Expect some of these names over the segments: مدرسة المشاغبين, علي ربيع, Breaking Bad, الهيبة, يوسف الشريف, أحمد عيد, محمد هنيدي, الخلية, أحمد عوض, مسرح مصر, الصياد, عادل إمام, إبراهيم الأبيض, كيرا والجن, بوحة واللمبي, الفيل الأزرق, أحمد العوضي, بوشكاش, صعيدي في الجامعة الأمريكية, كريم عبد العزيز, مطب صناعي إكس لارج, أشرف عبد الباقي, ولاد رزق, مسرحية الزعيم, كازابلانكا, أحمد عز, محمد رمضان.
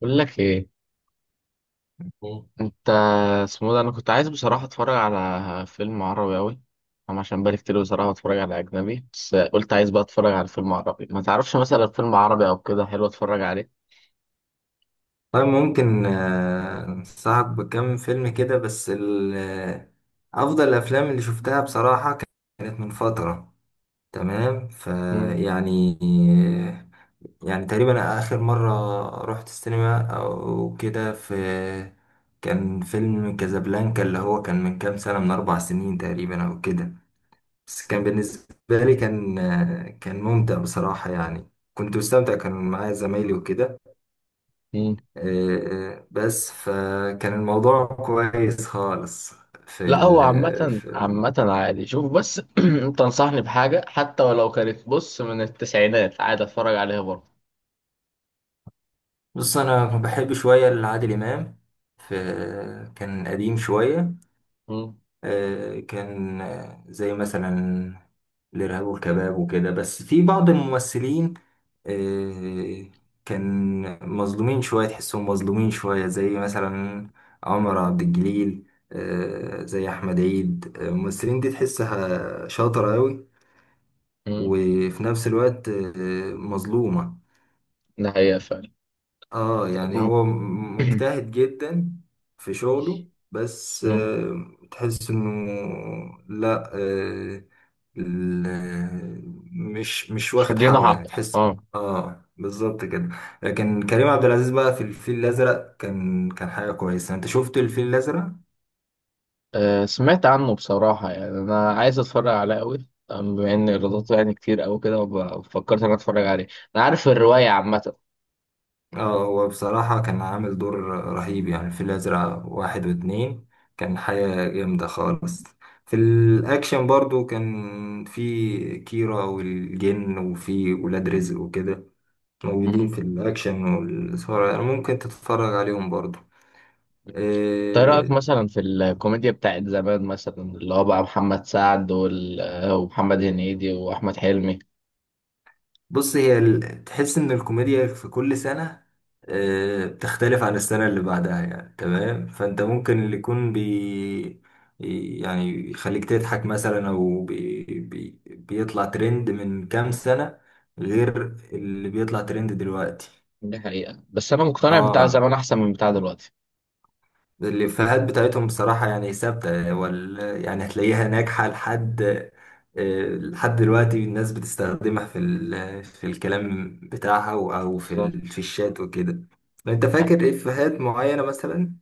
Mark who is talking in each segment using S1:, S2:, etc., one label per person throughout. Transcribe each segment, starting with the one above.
S1: بقول لك ايه،
S2: مم.
S1: انت، اسمه ده، انا كنت عايز بصراحه اتفرج على فيلم عربي قوي. انا عشان بقالي كتير بصراحه اتفرج على اجنبي، بس قلت عايز بقى اتفرج على فيلم عربي. ما تعرفش مثلا فيلم عربي او كده حلو اتفرج عليه؟
S2: طيب ممكن أنصحك بكم فيلم كده بس أفضل الأفلام اللي شفتها بصراحة كانت من فترة تمام
S1: مم.
S2: فيعني يعني يعني تقريبا آخر مرة رحت السينما أو كده في كان فيلم كازابلانكا اللي هو كان من كام سنة من 4 سنين تقريبا أو كده. بس كان
S1: مم.
S2: بالنسبة لي كان كان ممتع بصراحة يعني. كنت مستمتع كان معايا زمايلي وكده.
S1: مم.
S2: بس فكان الموضوع كويس خالص في
S1: لا، هو
S2: ال
S1: عامه
S2: في ال-
S1: عامه عادي. شوف بس انت انصحني بحاجه حتى ولو كانت، بص، من التسعينات عادي اتفرج عليها برضه.
S2: بص، انا بحب شويه لعادل امام، في كان قديم شويه
S1: مم.
S2: كان زي مثلا الارهاب والكباب وكده. بس في بعض الممثلين آه، كان مظلومين شويه، تحسهم مظلومين شويه زي مثلا عمر عبد الجليل، زي احمد عيد. الممثلين دي تحسها شاطره قوي
S1: مم.
S2: وفي نفس الوقت مظلومة.
S1: ده حقيقه فعلا.
S2: اه يعني
S1: مم.
S2: هو مجتهد جدا في شغله. بس
S1: مم.
S2: تحس انه لا ال- آه، مش
S1: مش
S2: واخد
S1: مدينا
S2: حقه،
S1: حق.
S2: يعني تحس.
S1: اه.
S2: اه بالظبط كده. لكن كريم عبد العزيز بقى، في الفيل الازرق كان حاجة كويسة. انت شفت الفيل الازرق؟
S1: سمعت عنه بصراحة، يعني أنا عايز أتفرج عليه أوي. بما إن إيراداته يعني كتير أوي كده فكرت إن أنا أتفرج عليه. أنا عارف الرواية عامة.
S2: اه هو بصراحة كان عامل دور رهيب يعني في الأزرق واحد واتنين، كان حاجة جامدة خالص. في الأكشن برضو كان في كيرا والجن وفي ولاد رزق وكده موجودين
S1: مم.
S2: في الأكشن والإثارة، يعني ممكن تتفرج عليهم برضو.
S1: طيب. إيه
S2: آه،
S1: رأيك مثلا في الكوميديا بتاعت زمان، مثلا اللي هو بقى محمد سعد وال... آه، ومحمد هنيدي وأحمد حلمي؟
S2: بص، تحس ان الكوميديا في كل سنة بتختلف عن السنة اللي بعدها، يعني تمام، فانت ممكن اللي يكون يعني يخليك تضحك مثلا، او بي بي بيطلع ترند من كام سنة غير اللي بيطلع ترند دلوقتي.
S1: دي حقيقة، بس أنا مقتنع بتاع زمان
S2: اه
S1: أحسن من بتاع دلوقتي.
S2: الإفيهات بتاعتهم بصراحة يعني ثابتة يعني هتلاقيها ناجحة لحد لحد دلوقتي، الناس بتستخدمها في الكلام بتاعها أو
S1: بالظبط.
S2: في الشات وكده. أنت فاكر إفيهات معينة مثلا؟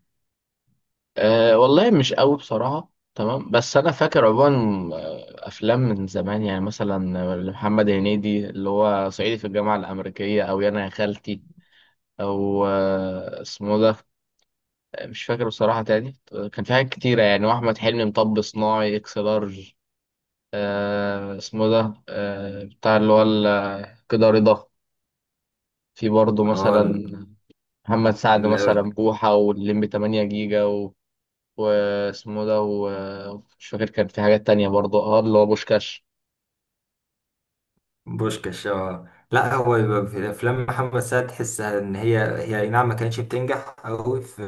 S1: أه والله مش قوي بصراحة، تمام، بس أنا فاكر عموما، أفلام من زمان، يعني مثلا محمد هنيدي اللي هو صعيدي في الجامعة الأمريكية، أو يا أنا يا خالتي، أو اسمه ده، مش فاكر بصراحة تاني. كان في حاجات كتيرة، يعني وأحمد حلمي مطب صناعي إكس لارج. أه اسمه ده، أه بتاع اللي هو كده رضا. في برضه
S2: اه
S1: مثلا محمد سعد مثلا
S2: لا.
S1: بوحة واللمبي 8 جيجا واسمه ده، ومش فاكر. كان في حاجات تانية برضه، اه اللي هو بوشكاش.
S2: بوشكاش، اه، لا هو يبقى في افلام محمد سعد تحسها ان هي هي، اي نعم ما كانتش بتنجح قوي في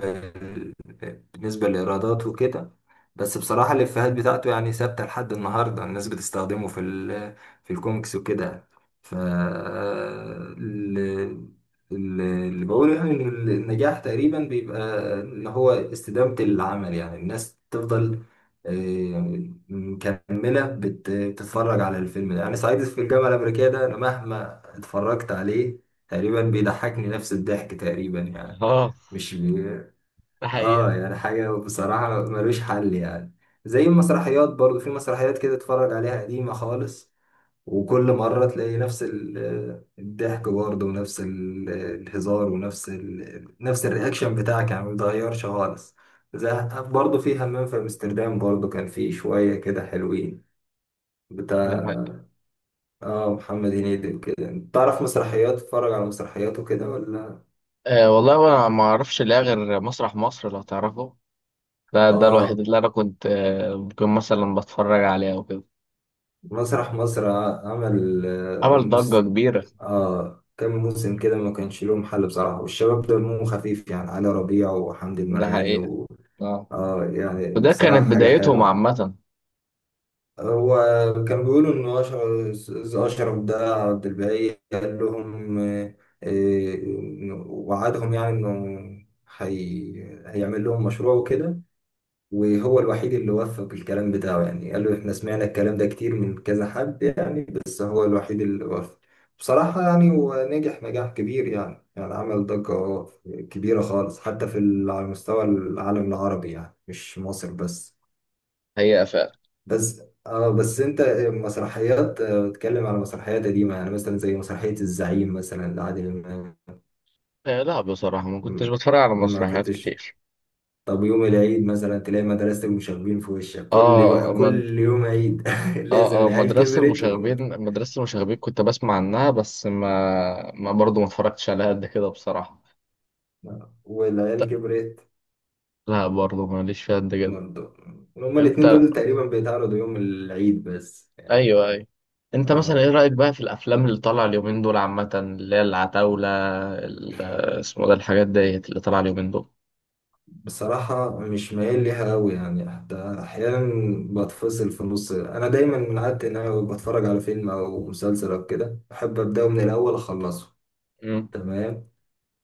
S2: بالنسبه للايرادات وكده، بس بصراحه الافيهات بتاعته يعني ثابته لحد النهارده، الناس بتستخدمه في الكوميكس وكده. ف ال- اللي بقوله يعني ان النجاح تقريبا بيبقى اللي هو استدامه العمل، يعني الناس تفضل آه، مكملة بتتفرج على الفيلم ده، يعني صعيدي في الجامعة الأمريكية ده أنا مهما اتفرجت عليه تقريبا بيضحكني نفس الضحك تقريبا يعني،
S1: اه
S2: مش بي...
S1: ده حقيقة.
S2: اه يعني حاجة بصراحة ملوش حل يعني. زي المسرحيات برضو، في مسرحيات كده اتفرج عليها قديمة خالص، وكل مرة تلاقي نفس الضحك برضه، ونفس الهزار، ونفس نفس الرياكشن بتاعك يعني ما بيتغيرش خالص. زي برضه في همام في امستردام برضه، كان فيه شوية كده حلوين
S1: ده
S2: بتاع،
S1: حقيقة.
S2: اه محمد هنيدي وكده. تعرف مسرحيات، تتفرج على مسرحيات وكده، ولا؟
S1: آه والله انا ما اعرفش، لا غير مسرح مصر لو تعرفه. ده
S2: اه
S1: الوحيد اللي انا كنت ممكن مثلا بتفرج عليه او كده.
S2: مسرح مصر عمل
S1: عمل ضجة كبيرة.
S2: اه كام موسم كده ما كانش لهم حل بصراحة، والشباب دمهم خفيف يعني، علي ربيع وحمدي
S1: ده
S2: المرغني
S1: حقيقة. اه.
S2: اه يعني
S1: وده
S2: بصراحة
S1: كانت
S2: حاجة
S1: بدايتهم
S2: حلوة.
S1: عامة.
S2: هو كان بيقولوا إن أشرف ده عبد الباقي قال لهم، آه، وعدهم يعني إنه هي... هيعمل لهم مشروع وكده، وهو الوحيد اللي وفق الكلام بتاعه، يعني قال له احنا سمعنا الكلام ده كتير من كذا حد يعني، بس هو الوحيد اللي وفق بصراحة يعني، ونجح نجاح كبير يعني، يعني عمل ضجة كبيرة خالص حتى على مستوى العالم العربي، يعني مش مصر بس.
S1: حقيقة فعلا.
S2: بس انت مسرحيات بتتكلم على مسرحيات قديمة يعني مثلا زي مسرحية الزعيم مثلا لعادل إمام.
S1: آه لا بصراحة ما كنتش بتفرج على
S2: ما
S1: مسرحيات
S2: كنتش؟
S1: كتير.
S2: طب يوم العيد مثلا تلاقي مدرستك مشاغبين في وشك، كل يوم،
S1: اه ما.
S2: كل يوم عيد لازم،
S1: اه اه،
S2: العيال
S1: مدرسة
S2: كبرت
S1: المشاغبين مدرسة المشاغبين كنت بسمع عنها، بس ما ما برضه ما اتفرجتش عليها قد كده بصراحة. ت-
S2: والعيال كبرت
S1: لا برضه ماليش فيها قد كده.
S2: برضه. هما الاتنين
S1: انت.
S2: دول تقريبا بيتعرضوا يوم العيد بس يعني.
S1: ايوه ايوه. انت مثلا ايه
S2: آه.
S1: رأيك بقى في الافلام اللي طالعة اليومين دول عامة، اللي هي العتاولة؟ ال- اسمه ده، الحاجات ديت اللي طالعة اليومين دول.
S2: بصراحة مش مايل ليها أوي يعني، حتى أحيانا بتفصل في النص. أنا دايما من عادتي إن أنا بتفرج على فيلم أو مسلسل أو كده أحب أبدأه من الأول أخلصه
S1: مم.
S2: تمام،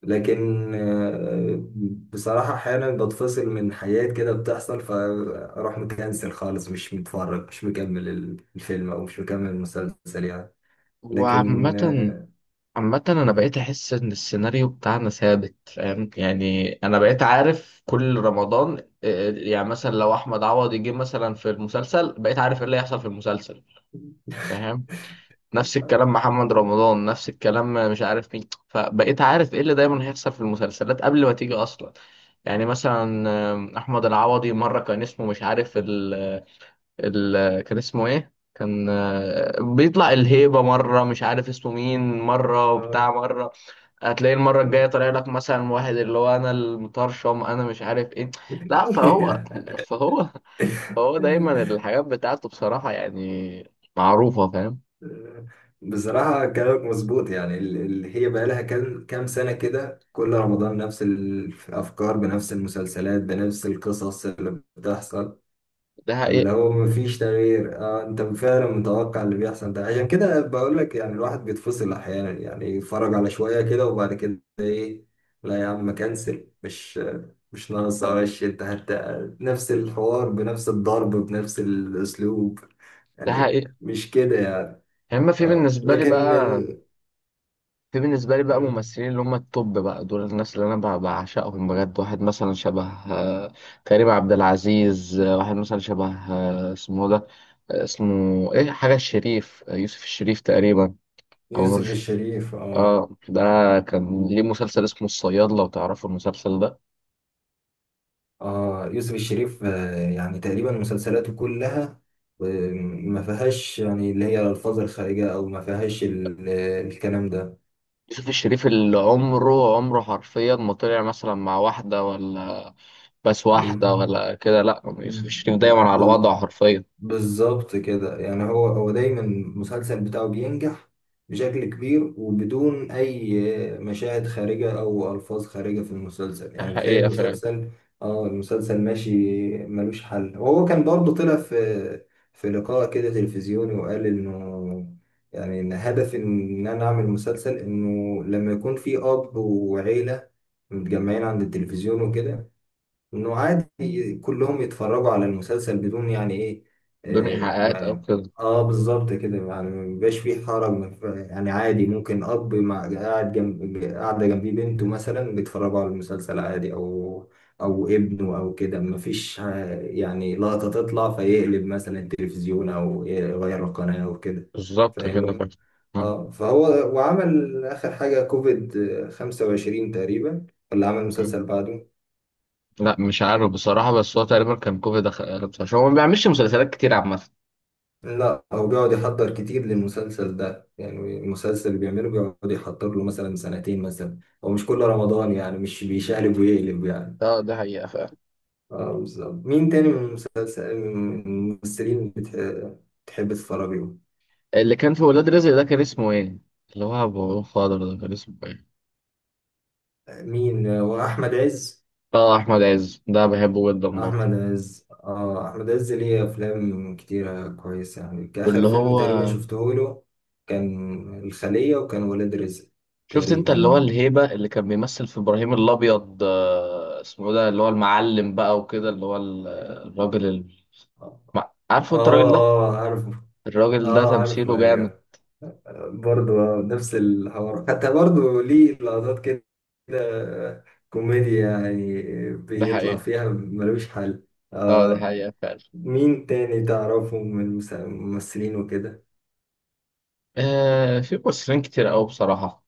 S2: لكن بصراحة أحيانا بتفصل من حاجات كده بتحصل، فأروح مكنسل خالص، مش متفرج، مش مكمل الفيلم أو مش مكمل المسلسل يعني. لكن
S1: وعامة، عامة أنا
S2: مم.
S1: بقيت أحس إن السيناريو بتاعنا ثابت، فاهم، يعني أنا بقيت عارف كل رمضان، يعني مثلا لو أحمد عوض يجي مثلا في المسلسل، بقيت عارف إيه اللي هيحصل في المسلسل. فاهم. نفس الكلام محمد رمضان، نفس الكلام، مش عارف مين، فبقيت عارف إيه اللي دايما هيحصل في المسلسلات قبل ما تيجي أصلا. يعني مثلا أحمد العوضي مرة كان اسمه مش عارف ال كان اسمه إيه، كان بيطلع الهيبة مرة، مش عارف اسمه مين مرة، وبتاع
S2: آه،
S1: مرة. هتلاقي المرة الجاية
S2: مم.
S1: طالع لك مثلا واحد اللي هو أنا المطرشم، أنا مش عارف إيه. لا، فهو فهو دايما الحاجات بتاعته بصراحة، يعني معروفة، فاهم.
S2: بصراحة كلامك مظبوط، يعني اللي هي بقى لها كام سنة كده كل رمضان نفس الأفكار بنفس المسلسلات بنفس القصص اللي بتحصل،
S1: ده
S2: اللي
S1: حقيقة.
S2: هو مفيش تغيير. اه انت فعلا متوقع اللي بيحصل ده، عشان كده بقول لك يعني الواحد بيتفصل احيانا يعني، يتفرج على شوية كده وبعد كده ايه، لا يا عم كنسل، مش ناقص وش انت هت. نفس الحوار بنفس الضرب بنفس الاسلوب،
S1: ده
S2: يعني
S1: حقيقة.
S2: مش كده يعني.
S1: أما في
S2: اه
S1: بالنسبة لي
S2: لكن
S1: بقى في بالنسبة لي بقى
S2: مم.
S1: ممثلين اللي هم التوب بقى دول، الناس اللي أنا بعشقهم بجد. واحد مثلا شبه آه، كريم عبد العزيز، واحد مثلا شبه اسمه ده، اسمه إيه، حاجة الشريف، يوسف الشريف تقريبا، أو
S2: يوسف
S1: نور.
S2: الشريف، اه
S1: اه ده كان ليه مسلسل اسمه الصياد، لو تعرفوا المسلسل ده.
S2: يوسف الشريف، يعني تقريبا مسلسلاته كلها آه، ما فيهاش يعني اللي هي الألفاظ الخارجة، أو ما فيهاش الكلام ده.
S1: يوسف الشريف اللي عمره حرفيا ما طلع مثلا مع واحدة ولا، بس واحدة
S2: مم.
S1: ولا كده، لا يوسف الشريف دايما
S2: ب-
S1: على
S2: ب-
S1: وضعه حرفيا.
S2: بالظبط كده يعني، هو دايما المسلسل بتاعه بينجح بشكل كبير وبدون أي مشاهد خارجة أو ألفاظ خارجة في المسلسل،
S1: ده
S2: يعني بتلاقي
S1: حقيقة فعلا.
S2: المسلسل، اه المسلسل ماشي ملوش حل. وهو كان برضه طلع في لقاء كده تلفزيوني وقال إنه يعني إن هدف إن أنا أعمل مسلسل، إنه لما يكون في أب وعيلة متجمعين عند التلفزيون وكده، انه عادي كلهم يتفرجوا على المسلسل بدون يعني ايه.
S1: بدون
S2: اه,
S1: إيحاءات أو
S2: ما
S1: كده.
S2: بالظبط كده، يعني مبيبقاش فيه حرج، ما ف- يعني عادي ممكن اب مع قاعد جنب قاعده جنبيه بنته مثلا بيتفرجوا على المسلسل عادي، او او ابنه او كده، مفيش يعني لقطه تطلع فيقلب مثلا التلفزيون او يغير القناه او كده.
S1: بالظبط كده
S2: فاهمني؟
S1: فعلا. مم.
S2: اه فهو وعمل اخر حاجه كوفيد 25 تقريبا، ولا عمل
S1: مم.
S2: مسلسل بعده؟
S1: لا مش عارف بصراحة، بس هو تقريبا كان كوفيد دخل، عشان هو ما بيعملش مسلسلات كتير عامة.
S2: لا هو بيقعد يحضر كتير للمسلسل ده، يعني المسلسل اللي بيعمله بيقعد يحضر له مثلا سنتين مثلا، هو مش كل رمضان يعني، مش بيشقلب ويقلب يعني.
S1: اه ده حقيقة فعلا.
S2: اه بالظبط. مين تاني من المسلسل من الممثلين بتحب تتفرج لهم؟
S1: اللي كان في ولاد رزق ده كان اسمه ايه؟ اللي هو أبو خضر ده كان اسمه ايه؟
S2: مين، واحمد عز،
S1: اه احمد عز ده بحبه جدا برضه.
S2: احمد عز. اه احمد عز ليه افلام كتيرة كويسة يعني،
S1: واللي
S2: كآخر فيلم
S1: هو
S2: تقريبا شفته له كان الخلية وكان ولاد رزق.
S1: شفت انت
S2: تقريبا
S1: اللي هو
S2: يعني.
S1: الهيبه اللي كان بيمثل في ابراهيم الابيض، اسمه ده، اللي هو المعلم بقى وكده، اللي هو الراجل
S2: اه
S1: عارفه انت الراجل ده؟
S2: اه عارف،
S1: الراجل ده
S2: اه عارف،
S1: تمثيله جامد.
S2: ايوه. برضو نفس الحوار، حتى برضو ليه لقطات كده آه، كوميديا يعني
S1: ده
S2: بيطلع
S1: حقيقه.
S2: فيها ملوش حل.
S1: اه ده
S2: آه
S1: حقيقه فعلا.
S2: مين تاني تعرفه من الممثلين وكده؟
S1: آه في ممثلين كتير قوي بصراحه.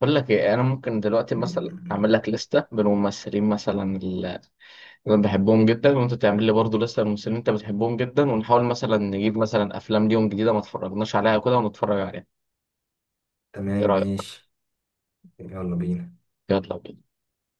S1: بقول لك ايه، انا ممكن دلوقتي مثلا اعمل لك لسته بالممثلين مثلا انا بحبهم جدا، وانت تعمل لي برضه لسه الممثلين اللي انت بتحبهم جدا، ونحاول مثلا نجيب مثلا افلام ليهم جديده ما اتفرجناش عليها كده ونتفرج عليها. ايه
S2: تمام
S1: رايك؟
S2: ماشي، يلا بينا.
S1: يلا بينا.